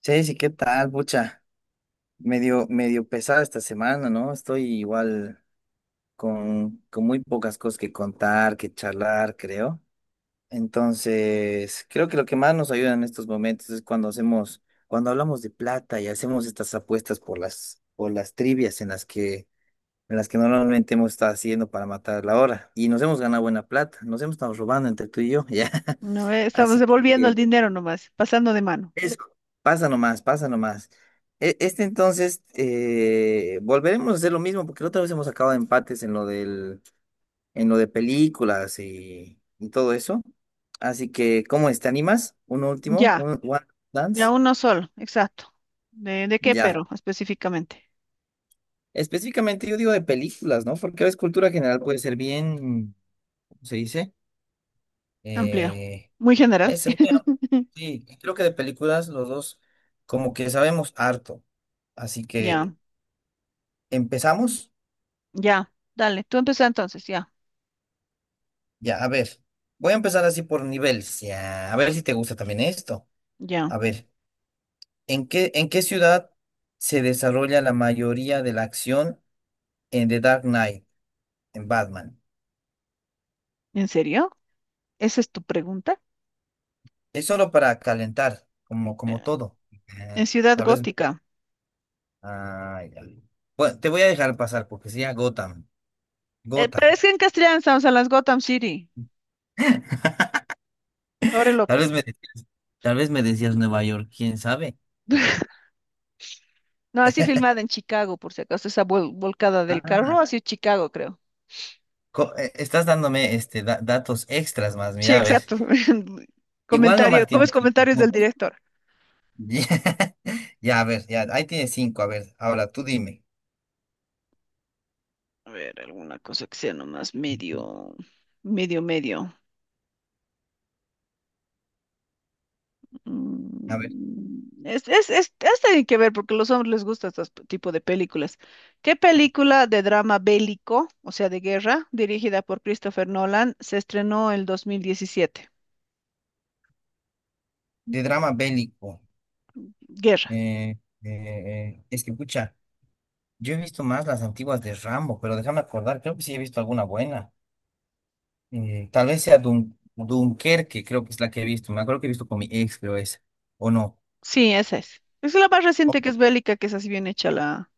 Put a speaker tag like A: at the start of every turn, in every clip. A: Chelsea, ¿qué tal, pucha? Medio, medio pesada esta semana, ¿no? Estoy igual con muy pocas cosas que contar, que charlar, creo. Entonces, creo que lo que más nos ayuda en estos momentos es cuando hablamos de plata y hacemos estas apuestas por las trivias en las que normalmente hemos estado haciendo para matar la hora. Y nos hemos ganado buena plata, nos hemos estado robando entre tú y yo, ¿ya?
B: No, estamos
A: Así
B: devolviendo el
A: que
B: dinero nomás, pasando de mano.
A: eso, pasa nomás, pasa nomás. Este entonces, volveremos a hacer lo mismo, porque la otra vez hemos acabado empates en lo de películas y todo eso. Así que, ¿cómo es? ¿Te animas? Un último,
B: Ya,
A: un One
B: ya
A: Dance.
B: uno solo, exacto. ¿De qué
A: Ya.
B: pero específicamente?
A: Específicamente yo digo de películas, ¿no? Porque a veces cultura general puede ser bien, ¿cómo se dice?
B: Amplio.
A: Eh,
B: Muy general.
A: ese, bueno, sí, creo que de películas los dos como que sabemos harto. Así que,
B: Ya,
A: ¿empezamos?
B: ya. Dale, tú empieza entonces, ya,
A: Ya, a ver. Voy a empezar así por niveles. Ya, a ver si te gusta también esto.
B: ya.
A: A ver, ¿en qué ciudad se desarrolla la mayoría de la acción en The Dark Knight, en Batman?
B: ¿En serio? ¿Esa es tu pregunta?
A: Es solo para calentar, como,
B: Eh,
A: como todo. Ah,
B: en Ciudad
A: tal vez.
B: Gótica.
A: Ah, ya. Bueno, te voy a dejar pasar porque sería Gotham.
B: Pero es
A: Gotham.
B: que en castellano estamos en las Gotham City. Pobre
A: Tal
B: loco.
A: vez me decías, tal vez me decías Nueva York, quién sabe.
B: No, así filmada en Chicago, por si acaso, esa volcada del
A: Ah,
B: carro, así es Chicago, creo.
A: estás dándome este datos extras más,
B: Sí,
A: mira, a ver.
B: exacto.
A: Igual
B: Comentario,
A: nomás
B: ¿cómo es
A: tiene cinco
B: comentarios del
A: puntos.
B: director?
A: Ya, a ver, ya, ahí tiene cinco. A ver, ahora tú dime.
B: A ver, alguna cosa que sea nomás medio, medio, medio.
A: A ver,
B: Mm, es tiene que ver porque a los hombres les gusta este tipo de películas. ¿Qué película de drama bélico, o sea, de guerra, dirigida por Christopher Nolan, se estrenó el 2017?
A: de drama bélico.
B: Guerra.
A: Es que, pucha, yo he visto más las antiguas de Rambo, pero déjame acordar, creo que sí he visto alguna buena. Tal vez sea Dunkerque, creo que es la que he visto. Me acuerdo que he visto con mi ex, creo es. O no.
B: Sí, esa es. Es la más reciente que es
A: O-
B: bélica, que es así bien hecha la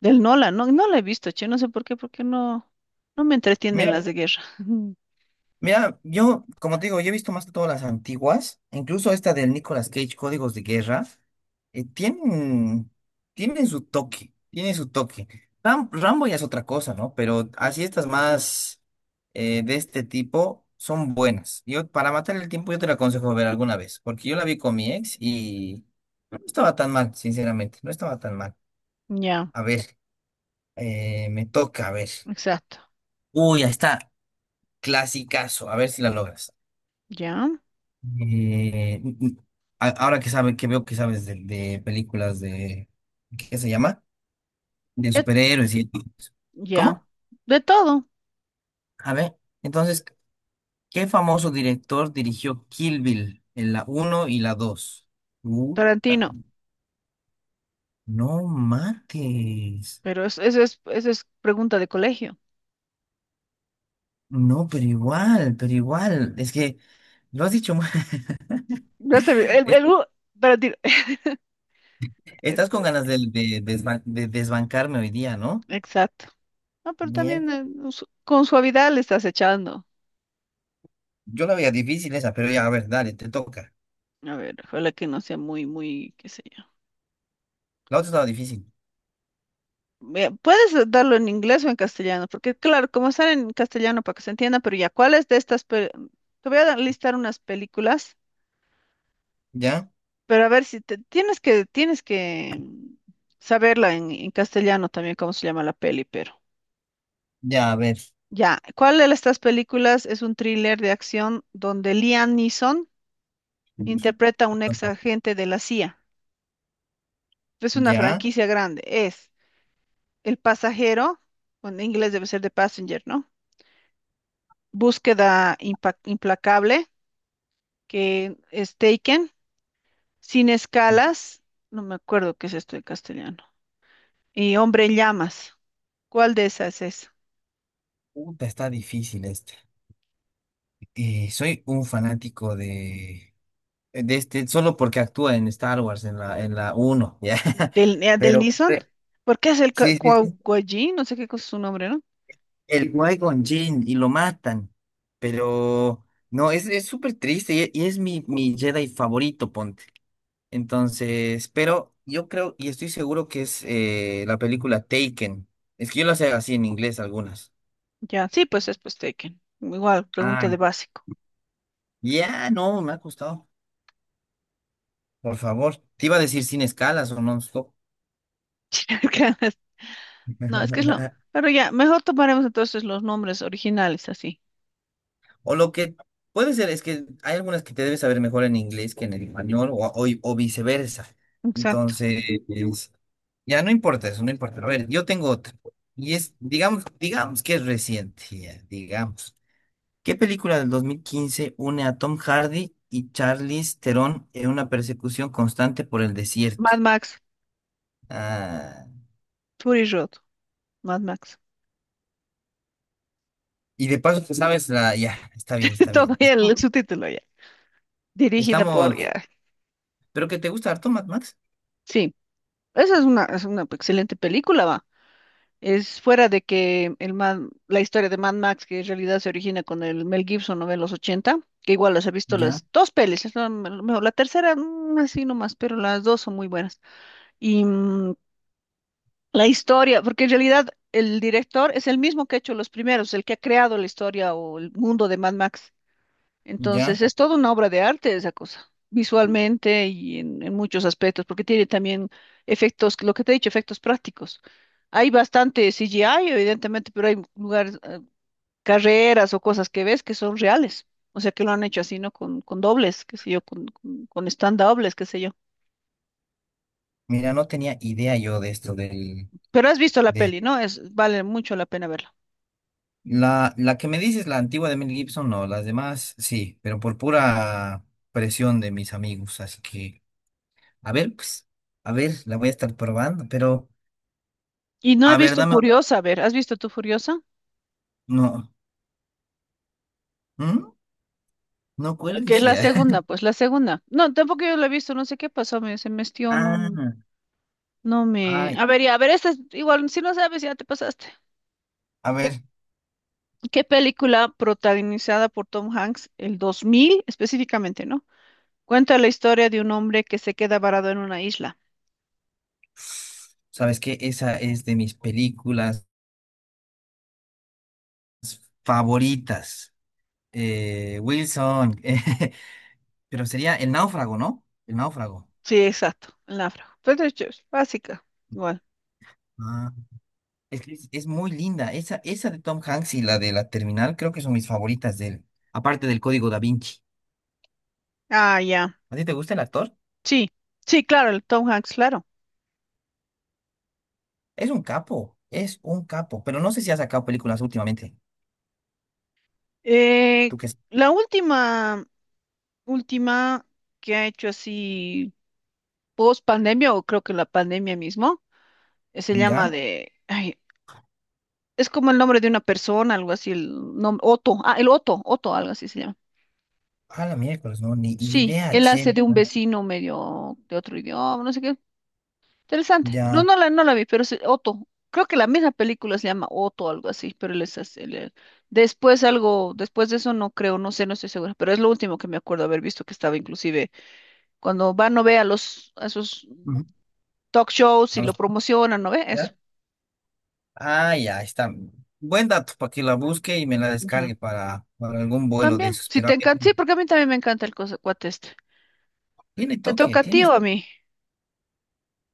B: del Nolan. No, no la he visto, che, no sé por qué, porque no, no me entretienen
A: Mira,
B: las de guerra.
A: mira, yo, como te digo, yo he visto más que todas las antiguas, incluso esta del Nicolas Cage, Códigos de Guerra, tienen, tienen su toque, tienen su toque. Rambo ya es otra cosa, ¿no? Pero así estas más de este tipo son buenas. Yo, para matar el tiempo, yo te la aconsejo ver alguna vez, porque yo la vi con mi ex y no estaba tan mal, sinceramente, no estaba tan mal.
B: Ya,
A: A ver, me toca, a ver.
B: exacto.
A: Uy, ahí está, clasicazo, a ver si la logras.
B: Ya.
A: Eh, mm, mm, Ahora que veo que sabes de películas de, ¿qué se llama? De
B: Ya.
A: superhéroes y...
B: Ya,
A: ¿Cómo?
B: de todo.
A: A ver, entonces, ¿qué famoso director dirigió Kill Bill en la uno y la 2? Puta,
B: Tarantino,
A: no mates.
B: pero eso es pregunta de colegio.
A: No, pero igual, pero igual. Es que lo has dicho mal.
B: No sé, el
A: Es-
B: u- Tarantino, es,
A: Estás con
B: pues,
A: ganas de, de desbancarme hoy día, ¿no?
B: exacto. No, pero
A: Mier-
B: también su- con suavidad le estás echando.
A: Yo la veía difícil esa, pero ya, a ver, dale, te toca.
B: A ver, ojalá que no sea muy, muy, qué sé yo.
A: La otra estaba difícil.
B: Ve, puedes darlo en inglés o en castellano, porque claro, como están en castellano para que se entienda, pero ya, ¿cuáles de estas? Pe- te voy a dar- listar unas películas,
A: ¿Ya?
B: pero a ver si te, tienes que, tienes que saberla en castellano también, cómo se llama la peli, pero.
A: Ya, a ver.
B: Ya, ¿cuál de estas películas es un thriller de acción donde Liam Neeson interpreta a un ex agente de la CIA? Es una
A: ¿Ya?
B: franquicia grande. Es El Pasajero, o en inglés debe ser The Passenger, ¿no? Búsqueda implacable, que es Taken, Sin escalas, no me acuerdo qué es esto en castellano, y Hombre en llamas. ¿Cuál de esas es?
A: Puta, está difícil esta. Soy un fanático de este, solo porque actúa en Star Wars, en la uno, ¿ya?
B: ¿Del, del
A: Pero,
B: Neeson? Porque es el
A: sí, sí,
B: Kwao,
A: sí.
B: no sé qué cosa es su nombre, ¿no?
A: El Qui-Gon Jinn y lo matan. Pero, no, es súper triste y, y es mi Jedi favorito, ponte. Entonces, pero yo creo y estoy seguro que es la película Taken. Es que yo lo sé así en inglés algunas.
B: Ya, sí, pues es pues Tekken. Igual, pregunta de básico.
A: Ya, no, me ha costado. Por favor. Te iba a decir sin escalas o non-stop.
B: No, es que es lo. Pero ya, mejor tomaremos entonces los nombres originales así.
A: O lo que puede ser es que hay algunas que te debes saber mejor en inglés que en el español o viceversa.
B: Exacto.
A: Entonces, ya no importa eso, no importa. A ver, yo tengo otra. Y es, digamos que es reciente, ya, digamos. ¿Qué película del 2015 une a Tom Hardy y Charlize Theron en una persecución constante por el
B: Mad
A: desierto?
B: Max,
A: Ah.
B: Fury Road, Mad Max.
A: Y de paso, pues, sabes la. Ya, está bien, está
B: Todo
A: bien.
B: ya el subtítulo ya. Dirigida por
A: Estamos.
B: ya.
A: ¿Pero que te gusta harto, Mad Max?
B: Sí. Esa es una excelente película, va. Es fuera de que el Mad- la historia de Mad Max, que en realidad se origina con el Mel Gibson, ¿no? En los 80 que igual las he visto
A: Ya,
B: las dos pelis, es la, mejor, la tercera, mm, así nomás, pero las dos son muy buenas. Y la historia, porque en realidad el director es el mismo que ha hecho los primeros, el que ha creado la historia o el mundo de Mad Max.
A: ya.
B: Entonces, es toda una obra de arte esa cosa, visualmente y en muchos aspectos, porque tiene también efectos, lo que te he dicho, efectos prácticos. Hay bastante CGI, evidentemente, pero hay lugares, carreras o cosas que ves que son reales. O sea, que lo han hecho así, ¿no? Con dobles, qué sé yo, con stand-dobles, qué sé yo.
A: Mira, no tenía idea yo de esto del.
B: Pero has visto la
A: De...
B: peli, ¿no? Es, vale mucho la pena verla.
A: La que me dices, la antigua de Mel Gibson, no. Las demás, sí, pero por pura presión de mis amigos. Así que, a ver, pues, a ver, la voy a estar probando, pero.
B: Y no he
A: A ver,
B: visto
A: dame.
B: Furiosa, a ver, ¿has visto tú Furiosa?
A: No. ¿Mm? No
B: Que es
A: cuelgues
B: la
A: ya.
B: segunda, pues la segunda. No, tampoco yo la he visto, no sé qué pasó, me, se me estió,
A: Ah,
B: no, no me...
A: ay,
B: A ver, ya, a ver, esta es, igual, si no sabes, ya te pasaste.
A: a ver.
B: ¿Qué película protagonizada por Tom Hanks el 2000 específicamente, ¿no? Cuenta la historia de un hombre que se queda varado en una isla.
A: ¿Sabes qué? Esa es de mis películas. Favoritas. Wilson. Pero sería El Náufrago, ¿no? El Náufrago.
B: Sí, exacto, el náufrago. Pues de hecho, es básica, igual.
A: Ah, que es muy linda. Esa de Tom Hanks y la de la Terminal creo que son mis favoritas de él. Aparte del Código Da Vinci.
B: Ah, ya.
A: ¿A ti te gusta el actor?
B: Sí, sí, claro, el Tom Hanks, claro.
A: Es un capo. Es un capo. Pero no sé si ha sacado películas últimamente.
B: Eh,
A: ¿Tú qué?
B: la última, última que ha hecho así post pandemia, o creo que la pandemia mismo, se llama
A: ¿Ya?
B: de, ay, es como el nombre de una persona, algo así, el nombre, Otto, ah, el Otto, Otto, algo así se llama.
A: A la miércoles, no. Ni
B: Sí,
A: idea,
B: él hace
A: che.
B: de un vecino medio de otro idioma, no sé qué, interesante. No,
A: Ya.
B: no la, no la vi, pero sí, Otto. Creo que la misma película se llama Otto algo así, pero él es así, él- él- después algo, después de eso no creo, no sé, no estoy segura, pero es lo último que me acuerdo haber visto que estaba inclusive cuando van no ve a los a esos
A: Ujú.
B: talk shows y
A: A
B: lo
A: los.
B: promocionan, ¿no ve? Eso.
A: Ah, ya está. Buen dato para que la busque y me la
B: Ya.
A: descargue para, algún vuelo de
B: También.
A: esos.
B: Si
A: Pero
B: te
A: a ver,
B: encanta, sí, porque a mí también me encanta el cosa, cuate este.
A: tiene
B: ¿Te
A: toque,
B: toca a ti o
A: tienes.
B: a mí?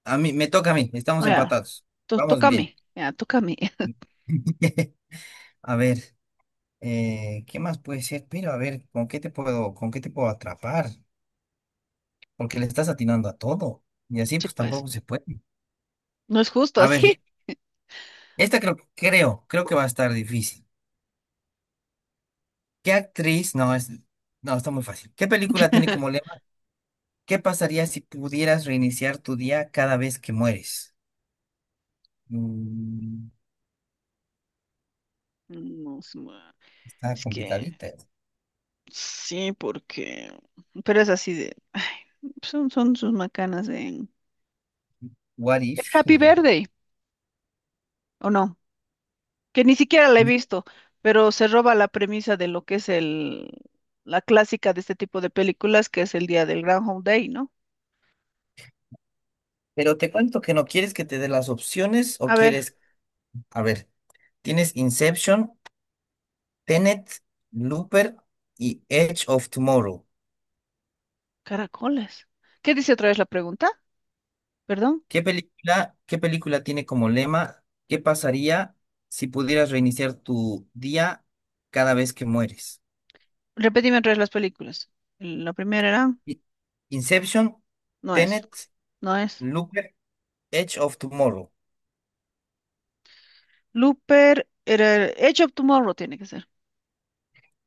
A: A mí, me toca a mí, estamos
B: Ya,
A: empatados.
B: to-
A: Vamos
B: toca a
A: bien.
B: mí. Ya, toca a mí.
A: A ver, ¿qué más puede ser? Pero a ver, ¿con qué te puedo atrapar? Porque le estás atinando a todo. Y así
B: Sí,
A: pues
B: pues.
A: tampoco se puede.
B: No es justo
A: A ver,
B: así.
A: esta creo que va a estar difícil. ¿Qué actriz? No, no, está muy fácil. ¿Qué película tiene como lema? ¿Qué pasaría si pudieras reiniciar tu día cada vez que mueres? Mm,
B: No, es
A: Está
B: es que
A: complicadita. ¿Eh?
B: sí, porque... Pero es así de... ay, son, son sus macanas de...
A: What
B: Es
A: if?
B: Happy Verde, ¿o no? Que ni siquiera la he
A: Know.
B: visto, pero se roba la premisa de lo que es el... la clásica de este tipo de películas, que es el día del Groundhog Day, ¿no?
A: Pero te cuento que no quieres que te dé las opciones o
B: A ver,
A: quieres, a ver, tienes Inception, Tenet, Looper y Edge of Tomorrow.
B: caracoles. ¿Qué dice otra vez la pregunta? Perdón.
A: ¿Qué película tiene como lema? ¿Qué pasaría si pudieras reiniciar tu día cada vez que mueres?
B: Repetime otra vez las películas. La primera era...
A: I- Inception,
B: No es,
A: Tenet,
B: no es.
A: Looper, Edge of Tomorrow.
B: Looper era... Edge of Tomorrow tiene que ser.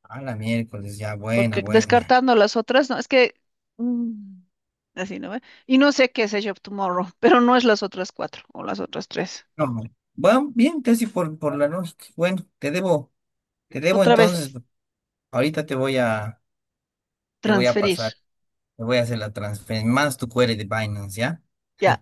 A: A la miércoles, ya, buena,
B: Porque
A: buena.
B: descartando las otras, no, es que... mm, así, ¿no? Ve? Y no sé qué es Edge of Tomorrow, pero no es las otras cuatro o las otras tres.
A: No, bueno, bien, casi por la noche. Bueno, te debo
B: Otra
A: entonces.
B: vez,
A: Ahorita te voy a
B: transferir.
A: pasar, te voy a hacer la transferencia, más tu query de Binance, ¿ya?
B: Ya.